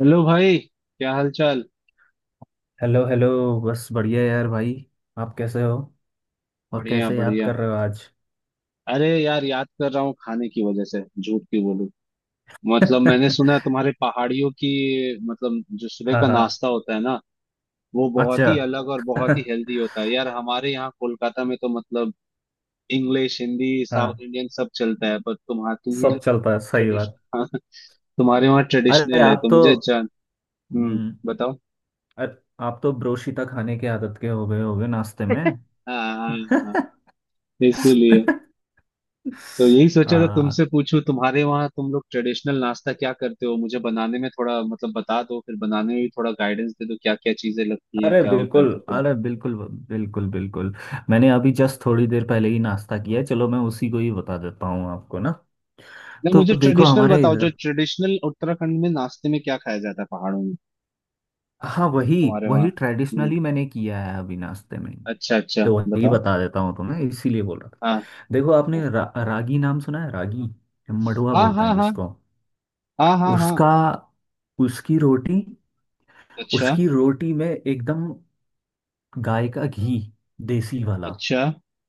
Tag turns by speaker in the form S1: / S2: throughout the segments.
S1: Hello भाई, क्या हाल चाल।
S2: Hello hello. बस बढ़िया यार भाई, आप कैसे हो? और
S1: बढ़िया
S2: कैसे याद
S1: बढ़िया।
S2: कर रहे हो आज?
S1: अरे यार, याद कर रहा हूँ खाने की वजह से, झूठ क्यों बोलूं। मतलब मैंने सुना है तुम्हारे पहाड़ियों की, मतलब जो सुबह
S2: हाँ
S1: का
S2: हाँ।
S1: नाश्ता होता है ना, वो बहुत
S2: अच्छा।
S1: ही अलग और बहुत ही हेल्दी होता है यार। हमारे यहाँ कोलकाता में तो मतलब इंग्लिश, हिंदी,
S2: हाँ,
S1: साउथ इंडियन सब चलता है, पर तुम्हारा तुम ही
S2: सब चलता है, सही बात।
S1: ट्रेडिशनल तुम्हारे वहाँ
S2: अरे
S1: ट्रेडिशनल है
S2: आप
S1: तो
S2: तो
S1: मुझे जान। हम्म।
S2: हम्म,
S1: बताओ।
S2: अरे आप तो ब्रोशीता खाने के आदत के हो गए होगे नाश्ते में।
S1: हाँ हाँ हाँ, हाँ, इसीलिए। तो यही सोचा था
S2: हाँ,
S1: तुमसे पूछूं, तुम्हारे वहाँ तुम लोग ट्रेडिशनल नाश्ता क्या करते हो, मुझे बनाने में थोड़ा मतलब बता दो, फिर बनाने में भी थोड़ा गाइडेंस दे दो, क्या क्या चीजें लगती हैं,
S2: अरे
S1: क्या होता है
S2: बिल्कुल,
S1: तो फिर।
S2: अरे बिल्कुल, बिल्कुल बिल्कुल। मैंने अभी जस्ट थोड़ी देर पहले ही नाश्ता किया है, चलो मैं उसी को ही बता देता हूँ आपको ना।
S1: नहीं,
S2: तो
S1: मुझे
S2: देखो
S1: ट्रेडिशनल
S2: हमारे
S1: बताओ, जो
S2: इधर,
S1: ट्रेडिशनल उत्तराखंड में नाश्ते में क्या खाया जाता है पहाड़ों में।
S2: हाँ वही,
S1: तुम्हारे वहाँ।
S2: वही
S1: हम्म।
S2: ट्रेडिशनली मैंने किया है अभी नाश्ते में।
S1: अच्छा अच्छा।
S2: तो वही
S1: बताओ।
S2: बता देता हूँ तुम्हें, इसीलिए बोल रहा था।
S1: हाँ
S2: देखो, आपने रागी नाम सुना है? रागी मडुआ
S1: हाँ
S2: बोलते
S1: हाँ
S2: हैं
S1: हाँ हाँ
S2: जिसको।
S1: हाँ हाँ हाँ।
S2: उसका, उसकी रोटी,
S1: अच्छा
S2: उसकी रोटी में एकदम गाय का घी, देसी वाला।
S1: अच्छा।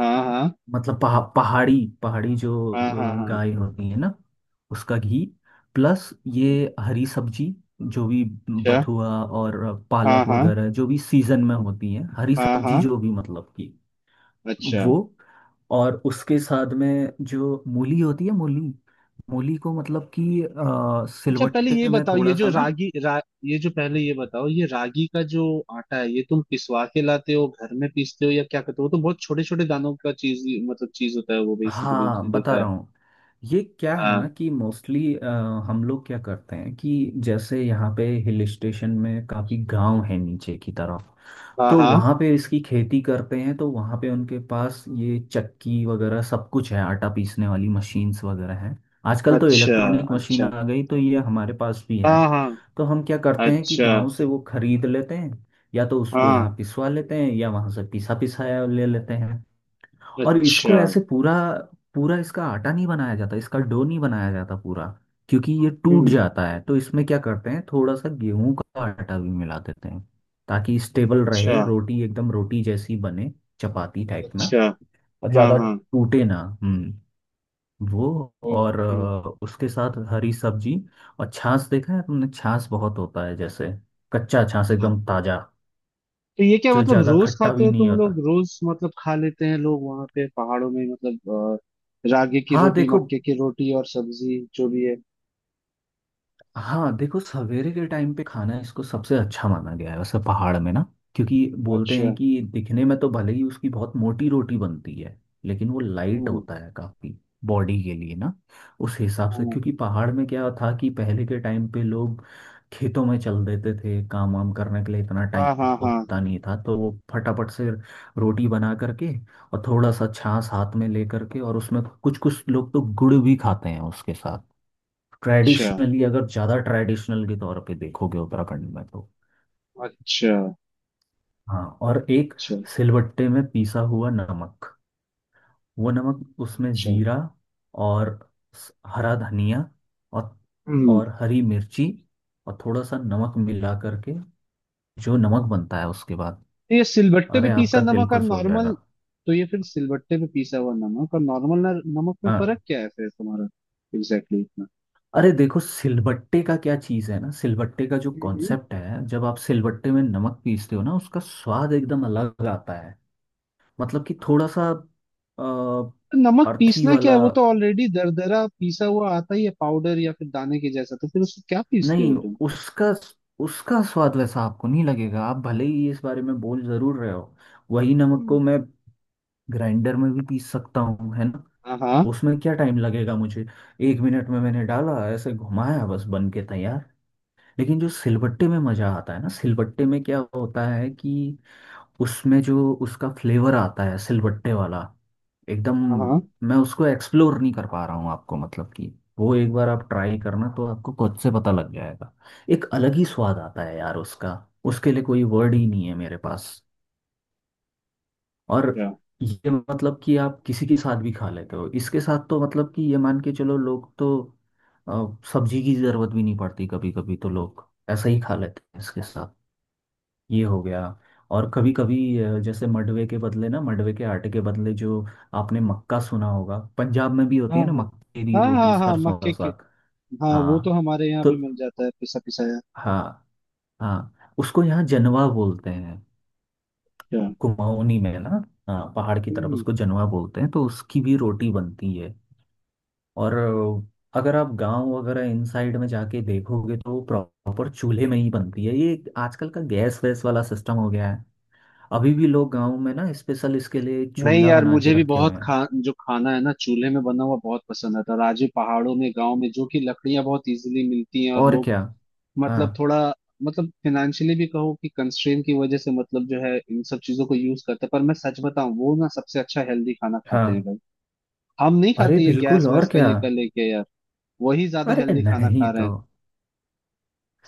S1: हाँ हाँ
S2: मतलब पहाड़ी, पहाड़ी जो
S1: हाँ हाँ हाँ।
S2: गाय होती है ना, उसका घी। प्लस ये हरी सब्जी जो भी,
S1: अच्छा।
S2: बथुआ और
S1: हाँ
S2: पालक
S1: हाँ
S2: वगैरह, जो भी सीजन में होती है हरी
S1: हाँ
S2: सब्जी
S1: हाँ।
S2: जो भी, मतलब कि
S1: अच्छा
S2: वो। और उसके साथ में जो मूली होती है, मूली, मूली को मतलब कि
S1: अच्छा। पहले ये
S2: सिलवट्टे में
S1: बताओ,
S2: थोड़ा सा ना।
S1: ये जो, पहले ये बताओ, ये रागी का जो आटा है, ये तुम पिसवा के लाते हो, घर में पीसते हो, या क्या करते हो। वो तो बहुत छोटे छोटे दानों का चीज, मतलब चीज होता है वो बेसिकली, मैंने
S2: हाँ बता
S1: देखा है।
S2: रहा हूँ। ये क्या है ना
S1: हाँ
S2: कि मोस्टली हम लोग क्या करते हैं कि जैसे यहाँ पे हिल स्टेशन में काफ़ी गांव है नीचे की तरफ,
S1: हाँ
S2: तो
S1: हाँ।
S2: वहाँ पे इसकी खेती करते हैं, तो वहाँ पे उनके पास ये चक्की वगैरह सब कुछ है, आटा पीसने वाली मशीन्स वगैरह हैं। आजकल तो
S1: अच्छा
S2: इलेक्ट्रॉनिक मशीन
S1: अच्छा।
S2: आ गई, तो ये हमारे पास भी है।
S1: हाँ हाँ।
S2: तो हम क्या करते हैं कि
S1: अच्छा।
S2: गांव से वो खरीद लेते हैं, या तो उसको
S1: हाँ।
S2: यहाँ पिसवा लेते हैं, या वहाँ से पिसा पिसाया ले लेते हैं। और इसको
S1: अच्छा।
S2: ऐसे पूरा, पूरा इसका आटा नहीं बनाया जाता, इसका डो नहीं बनाया जाता पूरा, क्योंकि ये टूट
S1: हम्म।
S2: जाता है। तो इसमें क्या करते हैं, थोड़ा सा गेहूं का आटा भी मिला देते हैं, ताकि स्टेबल
S1: अच्छा
S2: रहे रोटी, एकदम रोटी जैसी बने, चपाती टाइप में,
S1: अच्छा।
S2: और
S1: हाँ
S2: ज्यादा
S1: हाँ।
S2: टूटे ना। हम्म। वो और
S1: ओके।
S2: उसके साथ हरी सब्जी और छाछ। देखा है तुमने छाछ? बहुत होता है, जैसे कच्चा छाछ एकदम ताजा,
S1: तो ये क्या
S2: जो
S1: मतलब
S2: ज्यादा
S1: रोज
S2: खट्टा
S1: खाते
S2: भी
S1: हो
S2: नहीं
S1: तुम लोग,
S2: होता।
S1: रोज मतलब खा लेते हैं लोग वहां पे पहाड़ों में, मतलब रागी की
S2: हाँ
S1: रोटी,
S2: देखो,
S1: मक्के की रोटी और सब्जी जो भी है।
S2: हाँ देखो, सवेरे के टाइम पे खाना इसको सबसे अच्छा माना गया है वैसे पहाड़ में ना, क्योंकि बोलते
S1: अच्छा।
S2: हैं कि दिखने में तो भले ही उसकी बहुत मोटी रोटी बनती है, लेकिन वो लाइट
S1: हम्म
S2: होता है काफी बॉडी के लिए ना, उस हिसाब से।
S1: हम्म,
S2: क्योंकि पहाड़ में क्या था कि पहले के टाइम पे लोग खेतों में चल देते थे काम वाम करने के लिए, इतना टाइम
S1: हाँ हाँ हाँ।
S2: होता नहीं था, तो वो फटाफट से रोटी बना करके और थोड़ा सा छाछ हाथ में ले करके, और उसमें कुछ कुछ लोग तो गुड़ भी खाते हैं उसके साथ,
S1: अच्छा
S2: ट्रेडिशनली, अगर ज़्यादा ट्रेडिशनल के तौर पे देखोगे उत्तराखंड में तो।
S1: अच्छा
S2: हाँ और एक
S1: अच्छा
S2: सिलबट्टे में पीसा हुआ नमक, वो नमक, उसमें
S1: अच्छा।
S2: जीरा और हरा धनिया और
S1: हम्म।
S2: और हरी मिर्ची और थोड़ा सा नमक मिला करके जो नमक बनता है उसके बाद,
S1: तो ये सिलबट्टे पे
S2: अरे
S1: पीसा
S2: आपका दिल
S1: नमक और
S2: खुश हो
S1: नॉर्मल।
S2: जाएगा।
S1: तो ये फिर सिलबट्टे पे पीसा हुआ नमक और नॉर्मल नमक में फर्क
S2: हाँ,
S1: क्या है फिर तुम्हारा, एग्जैक्टली इतना।
S2: अरे देखो सिलबट्टे का क्या चीज़ है ना, सिलबट्टे का जो कॉन्सेप्ट है, जब आप सिलबट्टे में नमक पीसते हो ना, उसका स्वाद एकदम अलग आता है। मतलब कि थोड़ा सा
S1: नमक
S2: अर्थी
S1: पीसना क्या
S2: वाला।
S1: है, वो तो ऑलरेडी दरदरा पीसा हुआ आता ही है, पाउडर या फिर दाने के जैसा, तो फिर उसको क्या पीसते हो
S2: नहीं,
S1: तुम।
S2: उसका, उसका स्वाद वैसा आपको नहीं लगेगा। आप भले ही इस बारे में बोल जरूर रहे हो, वही नमक
S1: हम्म,
S2: को मैं ग्राइंडर में भी पीस सकता हूँ, है ना?
S1: हाँ हाँ
S2: उसमें क्या टाइम लगेगा मुझे, एक मिनट में मैंने डाला, ऐसे घुमाया, बस बन के तैयार। लेकिन जो सिलबट्टे में मजा आता है ना, सिलबट्टे में क्या होता है कि उसमें जो उसका फ्लेवर आता है सिलबट्टे वाला एकदम,
S1: हाँ हाँ।
S2: मैं उसको एक्सप्लोर नहीं कर पा रहा हूँ आपको, मतलब कि वो एक बार आप ट्राई करना, तो आपको खुद से पता लग जाएगा, एक अलग ही स्वाद आता है यार उसका। उसके लिए कोई वर्ड ही नहीं है मेरे पास। और
S1: क्या।
S2: ये, मतलब कि आप किसी के साथ भी खा लेते हो इसके साथ, तो मतलब कि ये मान के चलो, लोग तो अ, सब्जी की जरूरत भी नहीं पड़ती, कभी कभी तो लोग ऐसा ही खा लेते हैं इसके साथ। ये हो गया। और कभी कभी जैसे मडवे के बदले ना, मडवे के आटे के बदले, जो आपने मक्का सुना होगा, पंजाब में भी होती है
S1: हाँ
S2: ना
S1: हाँ
S2: मक्के की
S1: हाँ
S2: रोटी
S1: हाँ हाँ
S2: सरसों का
S1: मक्के के।
S2: साग।
S1: हाँ, वो तो
S2: हाँ,
S1: हमारे यहाँ
S2: तो
S1: भी मिल जाता है पिसा पिसाया।
S2: हाँ हाँ, उसको यहाँ जनवा बोलते हैं,
S1: क्या।
S2: कुमाऊनी में ना। हाँ, पहाड़ की तरफ
S1: हम्म।
S2: उसको जनवा बोलते हैं, तो उसकी भी रोटी बनती है। और अगर आप गांव वगैरह इन साइड में जाके देखोगे तो प्रॉपर चूल्हे में ही बनती है ये, आजकल का गैस वैस वाला सिस्टम हो गया है। अभी भी लोग गांव में ना स्पेशल इसके लिए
S1: नहीं
S2: चूल्हा
S1: यार,
S2: बना के
S1: मुझे भी
S2: रखे हुए
S1: बहुत खा,
S2: हैं।
S1: जो खाना है ना चूल्हे में बना हुआ, बहुत पसंद आता है। और आज भी पहाड़ों में गांव में, जो कि लकड़ियां बहुत इजीली मिलती हैं और
S2: और
S1: लोग
S2: क्या। हाँ
S1: मतलब थोड़ा मतलब फिनेंशियली भी कहो कि कंस्ट्रेन की वजह से मतलब, जो है इन सब चीजों को यूज करते हैं, पर मैं सच बताऊं, वो ना सबसे अच्छा हेल्दी खाना खाते हैं
S2: हाँ।
S1: भाई। हम नहीं
S2: अरे
S1: खाते, ये
S2: बिल्कुल,
S1: गैस
S2: और
S1: वैस का
S2: क्या।
S1: ये कर लेके यार। वही ज्यादा
S2: अरे
S1: हेल्दी खाना
S2: नहीं
S1: खा रहे
S2: तो,
S1: हैं,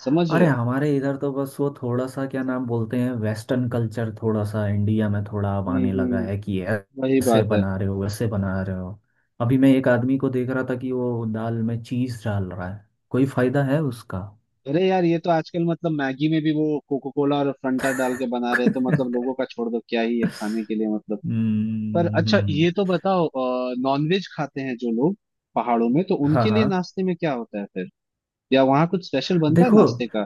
S1: समझ रहे
S2: अरे
S1: हो।
S2: हमारे इधर तो बस वो थोड़ा सा क्या नाम बोलते हैं, वेस्टर्न कल्चर थोड़ा सा इंडिया में थोड़ा अब
S1: हम्म
S2: आने लगा
S1: हम्म
S2: है, कि
S1: वही
S2: ऐसे
S1: बात है।
S2: बना रहे हो, वैसे बना रहे हो। अभी मैं एक आदमी को देख रहा था कि वो दाल में चीज डाल रहा है, कोई फायदा है उसका?
S1: अरे यार, ये तो आजकल मतलब मैगी में भी वो कोको कोला और फंटा डाल के बना रहे हैं, तो मतलब लोगों का छोड़ दो, क्या ही है खाने के लिए मतलब। पर
S2: हम्म हम्म,
S1: अच्छा, ये तो
S2: हम्म।
S1: बताओ, नॉनवेज खाते हैं जो लोग पहाड़ों में, तो
S2: हाँ
S1: उनके लिए
S2: हाँ।
S1: नाश्ते में क्या होता है फिर, या वहाँ कुछ स्पेशल बनता है
S2: देखो,
S1: नाश्ते का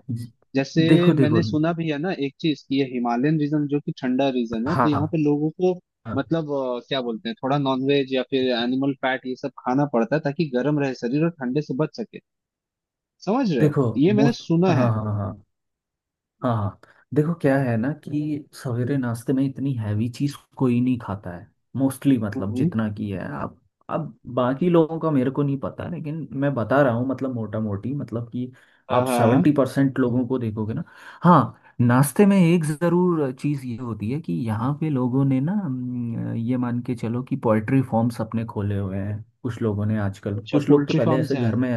S1: जैसे।
S2: देखो, देखो,
S1: मैंने सुना भी है ना एक चीज, कि ये हिमालयन रीजन जो कि ठंडा रीजन है, तो यहाँ
S2: हाँ
S1: पे लोगों को
S2: हाँ।
S1: मतलब क्या बोलते हैं, थोड़ा नॉनवेज या फिर एनिमल फैट ये सब खाना पड़ता है, ताकि गर्म रहे शरीर और ठंडे से बच सके। समझ रहे हो,
S2: देखो
S1: ये मैंने
S2: मोस्ट,
S1: सुना है।
S2: हाँ हाँ हाँ हाँ हाँ। देखो क्या है ना कि सवेरे नाश्ते में इतनी हैवी चीज कोई नहीं खाता है मोस्टली, मतलब
S1: हम्म।
S2: जितना की है आप, अब बाकी लोगों का मेरे को नहीं पता, लेकिन मैं बता रहा हूँ मतलब मोटा मोटी, मतलब कि
S1: हाँ
S2: आप
S1: हाँ
S2: सेवेंटी
S1: हाँ।
S2: परसेंट लोगों को देखोगे ना, हाँ नाश्ते में एक जरूर चीज ये होती है कि यहाँ पे लोगों ने ना ये मान के चलो कि पोएट्री फॉर्म्स अपने खोले हुए हैं कुछ लोगों ने आजकल,
S1: अच्छा,
S2: कुछ लोग तो
S1: पोल्ट्री
S2: पहले
S1: फार्म्स
S2: ऐसे
S1: हैं।
S2: घर में,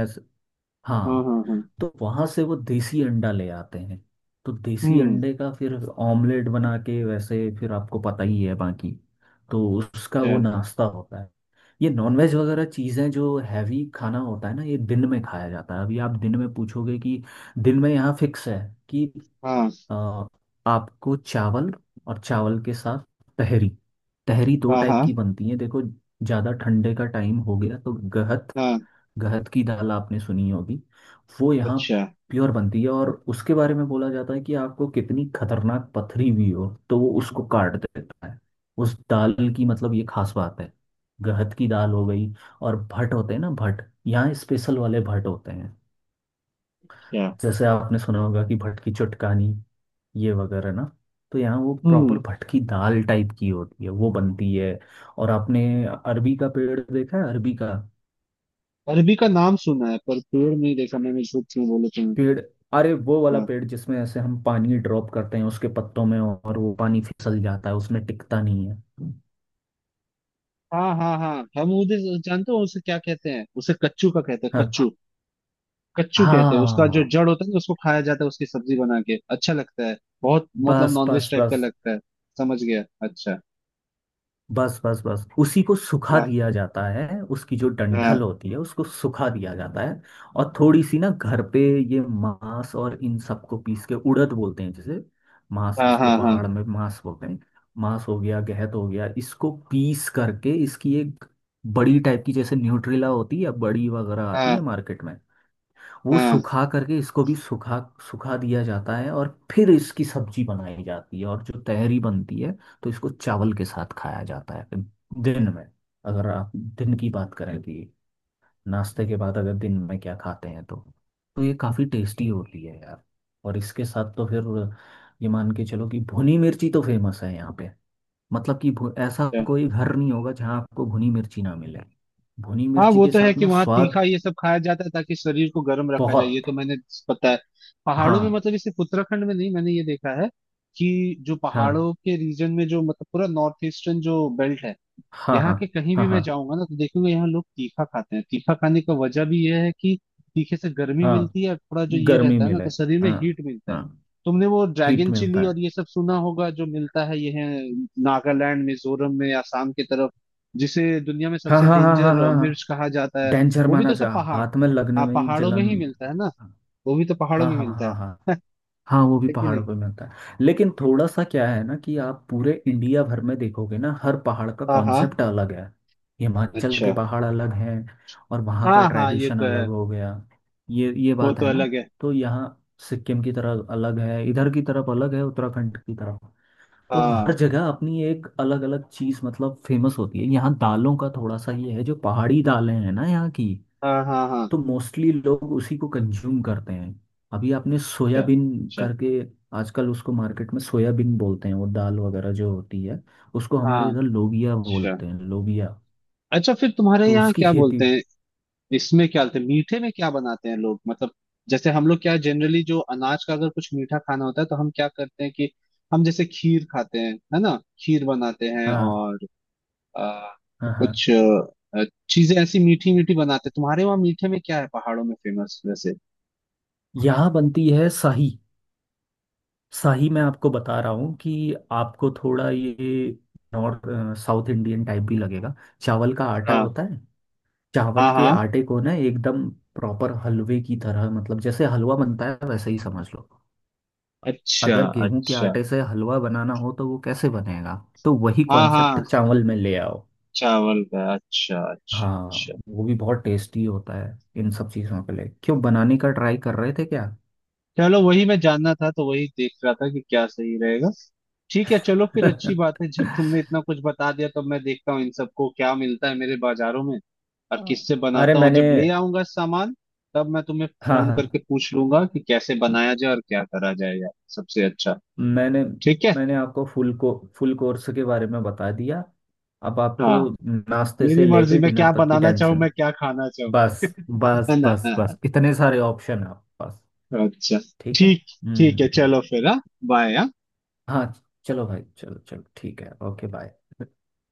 S1: हाँ
S2: हाँ,
S1: हाँ हाँ।
S2: तो वहां से वो देसी अंडा ले आते हैं, तो देसी
S1: हम्म।
S2: अंडे का फिर ऑमलेट बना के, वैसे फिर आपको पता ही है बाकी, तो उसका वो
S1: अच्छा।
S2: नाश्ता होता है। ये नॉनवेज वगैरह चीज़ें जो हैवी खाना होता है ना, ये दिन में खाया जाता है। अभी आप दिन में पूछोगे कि दिन में यहाँ फिक्स है कि
S1: हाँ
S2: अ, आपको चावल, और चावल के साथ तहरी। तहरी दो
S1: हाँ
S2: टाइप
S1: हाँ
S2: की बनती है, देखो, ज़्यादा ठंडे का टाइम हो गया तो गहत,
S1: हाँ।
S2: गहत की दाल आपने सुनी होगी, वो यहाँ
S1: अच्छा
S2: प्योर बनती है, और उसके बारे में बोला जाता है कि आपको कितनी खतरनाक पथरी भी हो तो वो उसको काट देता है। उस दाल की मतलब ये खास बात है। गहत की दाल हो गई, और भट होते हैं ना, भट यहाँ स्पेशल वाले भट होते हैं,
S1: अच्छा।
S2: जैसे आपने सुना होगा कि भट की चुटकानी, ये वगैरह ना, तो यहाँ वो
S1: हम्म।
S2: प्रॉपर भटकी दाल टाइप की होती है, वो बनती है। और आपने अरबी का पेड़ देखा है? अरबी का
S1: अरबी का नाम सुना है, पर पेड़ नहीं देखा मैंने, झूठ क्यों बोले तुम्हें।
S2: पेड़, अरे वो वाला
S1: हाँ।
S2: पेड़ जिसमें ऐसे हम पानी ड्रॉप करते हैं उसके पत्तों में, और वो पानी फिसल जाता है, उसमें टिकता नहीं है।
S1: हाँ हाँ हाँ, हम उधर जानते हो उसे क्या कहते हैं, उसे कच्चू का कहते हैं,
S2: हाँ
S1: कच्चू। कच्चू कहते हैं उसका, जो
S2: हाँ,
S1: जड़ होता है ना उसको खाया जाता है, उसकी सब्जी बना के अच्छा लगता है। बहुत मतलब
S2: बस
S1: नॉनवेज
S2: बस
S1: टाइप का
S2: बस,
S1: लगता है। समझ गया। अच्छा।
S2: बस बस बस, उसी को सुखा
S1: हाँ
S2: दिया जाता है, उसकी जो
S1: हाँ
S2: डंठल होती है उसको सुखा दिया जाता है, और थोड़ी सी ना घर पे ये मांस और इन सबको पीस के, उड़द बोलते हैं जैसे, मांस
S1: हाँ
S2: इसको
S1: हाँ हाँ
S2: पहाड़ में मांस बोलते हैं, मांस हो गया, गहत हो गया, इसको पीस करके इसकी एक बड़ी टाइप की, जैसे न्यूट्रिला होती है बड़ी वगैरह आती है
S1: हाँ
S2: मार्केट में, वो
S1: हाँ
S2: सुखा करके, इसको भी सुखा सुखा दिया जाता है, और फिर इसकी सब्जी बनाई जाती है, और जो तहरी बनती है तो इसको चावल के साथ खाया जाता है दिन में, अगर आप दिन की बात करें कि नाश्ते के बाद अगर दिन में क्या खाते हैं तो। तो ये काफ़ी टेस्टी होती है यार। और इसके साथ तो फिर ये मान के चलो कि भुनी मिर्ची तो फेमस है यहाँ पे, मतलब कि ऐसा
S1: हाँ
S2: कोई घर नहीं होगा जहाँ आपको भुनी मिर्ची ना मिले। भुनी
S1: हाँ,
S2: मिर्ची
S1: वो
S2: के
S1: तो है
S2: साथ
S1: कि
S2: ना
S1: वहाँ तीखा
S2: स्वाद
S1: ये सब खाया जाता है ताकि शरीर को गर्म रखा जाए, ये
S2: बहुत।
S1: तो मैंने पता है। पहाड़ों में
S2: हाँ
S1: मतलब ये सिर्फ उत्तराखंड में नहीं, मैंने ये देखा है कि जो
S2: हाँ
S1: पहाड़ों के रीजन में जो, मतलब पूरा नॉर्थ ईस्टर्न जो बेल्ट है,
S2: हाँ
S1: यहाँ
S2: हाँ
S1: के कहीं भी
S2: हाँ
S1: मैं
S2: हाँ
S1: जाऊंगा ना तो देखूंगा यहाँ लोग तीखा खाते हैं। तीखा खाने का वजह भी यह है कि तीखे से गर्मी
S2: हाँ।
S1: मिलती है और थोड़ा जो ये
S2: गर्मी
S1: रहता है ना
S2: मिले,
S1: तो शरीर में
S2: हाँ
S1: हीट मिलता है।
S2: हाँ,
S1: तुमने वो
S2: हीट
S1: ड्रैगन
S2: मिलता
S1: चिली
S2: है।
S1: और ये सब सुना होगा, जो मिलता है ये है नागालैंड, मिजोरम में, आसाम की तरफ, जिसे दुनिया में
S2: हाँ
S1: सबसे
S2: हाँ हाँ हाँ
S1: डेंजर
S2: हाँ हाँ,
S1: मिर्च कहा जाता है।
S2: डेंजर
S1: वो भी
S2: माना
S1: तो सब
S2: जा,
S1: पहाड़,
S2: हाथ में लगने
S1: हाँ
S2: में ही
S1: पहाड़ों में
S2: जलन।
S1: ही मिलता है ना, वो भी तो पहाड़ों
S2: हाँ
S1: में
S2: हाँ
S1: मिलता
S2: हाँ हाँ
S1: है
S2: हाँ, वो भी
S1: है कि नहीं।
S2: पहाड़ों पे मिलता है, लेकिन थोड़ा सा क्या है ना कि आप पूरे इंडिया भर में देखोगे ना, हर पहाड़ का
S1: हाँ हाँ।
S2: कॉन्सेप्ट अलग है। हिमाचल के
S1: अच्छा।
S2: पहाड़ अलग हैं, और वहाँ का
S1: हाँ हाँ, ये
S2: ट्रेडिशन
S1: तो
S2: अलग
S1: है।
S2: हो गया, ये
S1: वो
S2: बात
S1: तो
S2: है ना।
S1: अलग है।
S2: तो यहाँ सिक्किम की तरफ अलग है, इधर की तरफ अलग है, उत्तराखंड की तरफ, तो हर
S1: हाँ
S2: जगह अपनी एक अलग अलग चीज मतलब फेमस होती है। यहाँ दालों का थोड़ा सा ये है, जो पहाड़ी दालें हैं ना यहाँ की,
S1: हाँ हाँ हाँ।
S2: तो मोस्टली लोग उसी को कंज्यूम करते हैं। अभी आपने
S1: अच्छा।
S2: सोयाबीन
S1: अच्छा।
S2: करके, आजकल उसको मार्केट में सोयाबीन बोलते हैं, वो दाल वगैरह जो होती है, उसको हमारे
S1: हाँ।
S2: इधर लोबिया
S1: अच्छा
S2: बोलते हैं, लोबिया।
S1: अच्छा, फिर तुम्हारे
S2: तो
S1: यहाँ
S2: उसकी
S1: क्या
S2: खेती,
S1: बोलते हैं इसमें, क्या बोलते हैं, मीठे में क्या बनाते हैं लोग, मतलब जैसे हम लोग क्या जनरली, जो अनाज का अगर कुछ मीठा खाना होता है तो हम क्या करते हैं कि हम जैसे खीर खाते हैं है ना, खीर बनाते हैं
S2: हाँ
S1: और आ,
S2: हाँ हाँ,
S1: कुछ चीजें ऐसी मीठी मीठी बनाते हैं। तुम्हारे वहाँ मीठे में क्या है पहाड़ों में फेमस वैसे।
S2: यहाँ बनती है शाही। शाही, मैं आपको बता रहा हूँ कि आपको थोड़ा ये नॉर्थ साउथ इंडियन टाइप भी लगेगा। चावल का आटा
S1: हाँ
S2: होता है, चावल
S1: हाँ
S2: के
S1: हाँ।
S2: आटे को ना एकदम प्रॉपर हलवे की तरह, मतलब जैसे हलवा बनता है वैसे ही समझ लो।
S1: अच्छा
S2: अगर गेहूं के
S1: अच्छा।
S2: आटे से हलवा बनाना हो तो वो कैसे बनेगा, तो वही
S1: हाँ
S2: कॉन्सेप्ट
S1: हाँ
S2: चावल में ले आओ।
S1: चावल का, अच्छा अच्छा
S2: हाँ,
S1: अच्छा।
S2: वो भी बहुत टेस्टी होता है। इन सब चीजों के लिए क्यों, बनाने का ट्राई कर रहे थे क्या?
S1: चलो वही मैं जानना था, तो वही देख रहा था कि क्या सही रहेगा। ठीक है, चलो फिर, अच्छी बात है, जब तुमने इतना कुछ बता दिया तो मैं देखता हूँ इन सबको क्या मिलता है मेरे बाजारों में, और
S2: हाँ
S1: किससे
S2: अरे
S1: बनाता हूँ।
S2: मैंने,
S1: जब ले आऊंगा सामान, तब मैं तुम्हें
S2: हाँ
S1: फोन करके
S2: हाँ,
S1: पूछ लूंगा कि कैसे बनाया जाए और क्या करा जाएगा सबसे अच्छा।
S2: मैंने
S1: ठीक है।
S2: मैंने आपको फुल कोर्स के बारे में बता दिया। अब आपको
S1: हाँ
S2: नाश्ते से
S1: मेरी मर्जी,
S2: लेके
S1: मैं
S2: डिनर
S1: क्या
S2: तक की
S1: बनाना चाहूँ,
S2: टेंशन,
S1: मैं क्या खाना चाहूँ
S2: बस
S1: है
S2: बस
S1: ना।
S2: बस
S1: हाँ, हाँ,
S2: बस, इतने सारे ऑप्शन है आपके पास।
S1: हाँ, अच्छा।
S2: ठीक है।
S1: ठीक, ठीक है, चलो फिर, हाँ, बाय।
S2: हाँ, चलो भाई, चलो चलो, ठीक है, ओके बाय।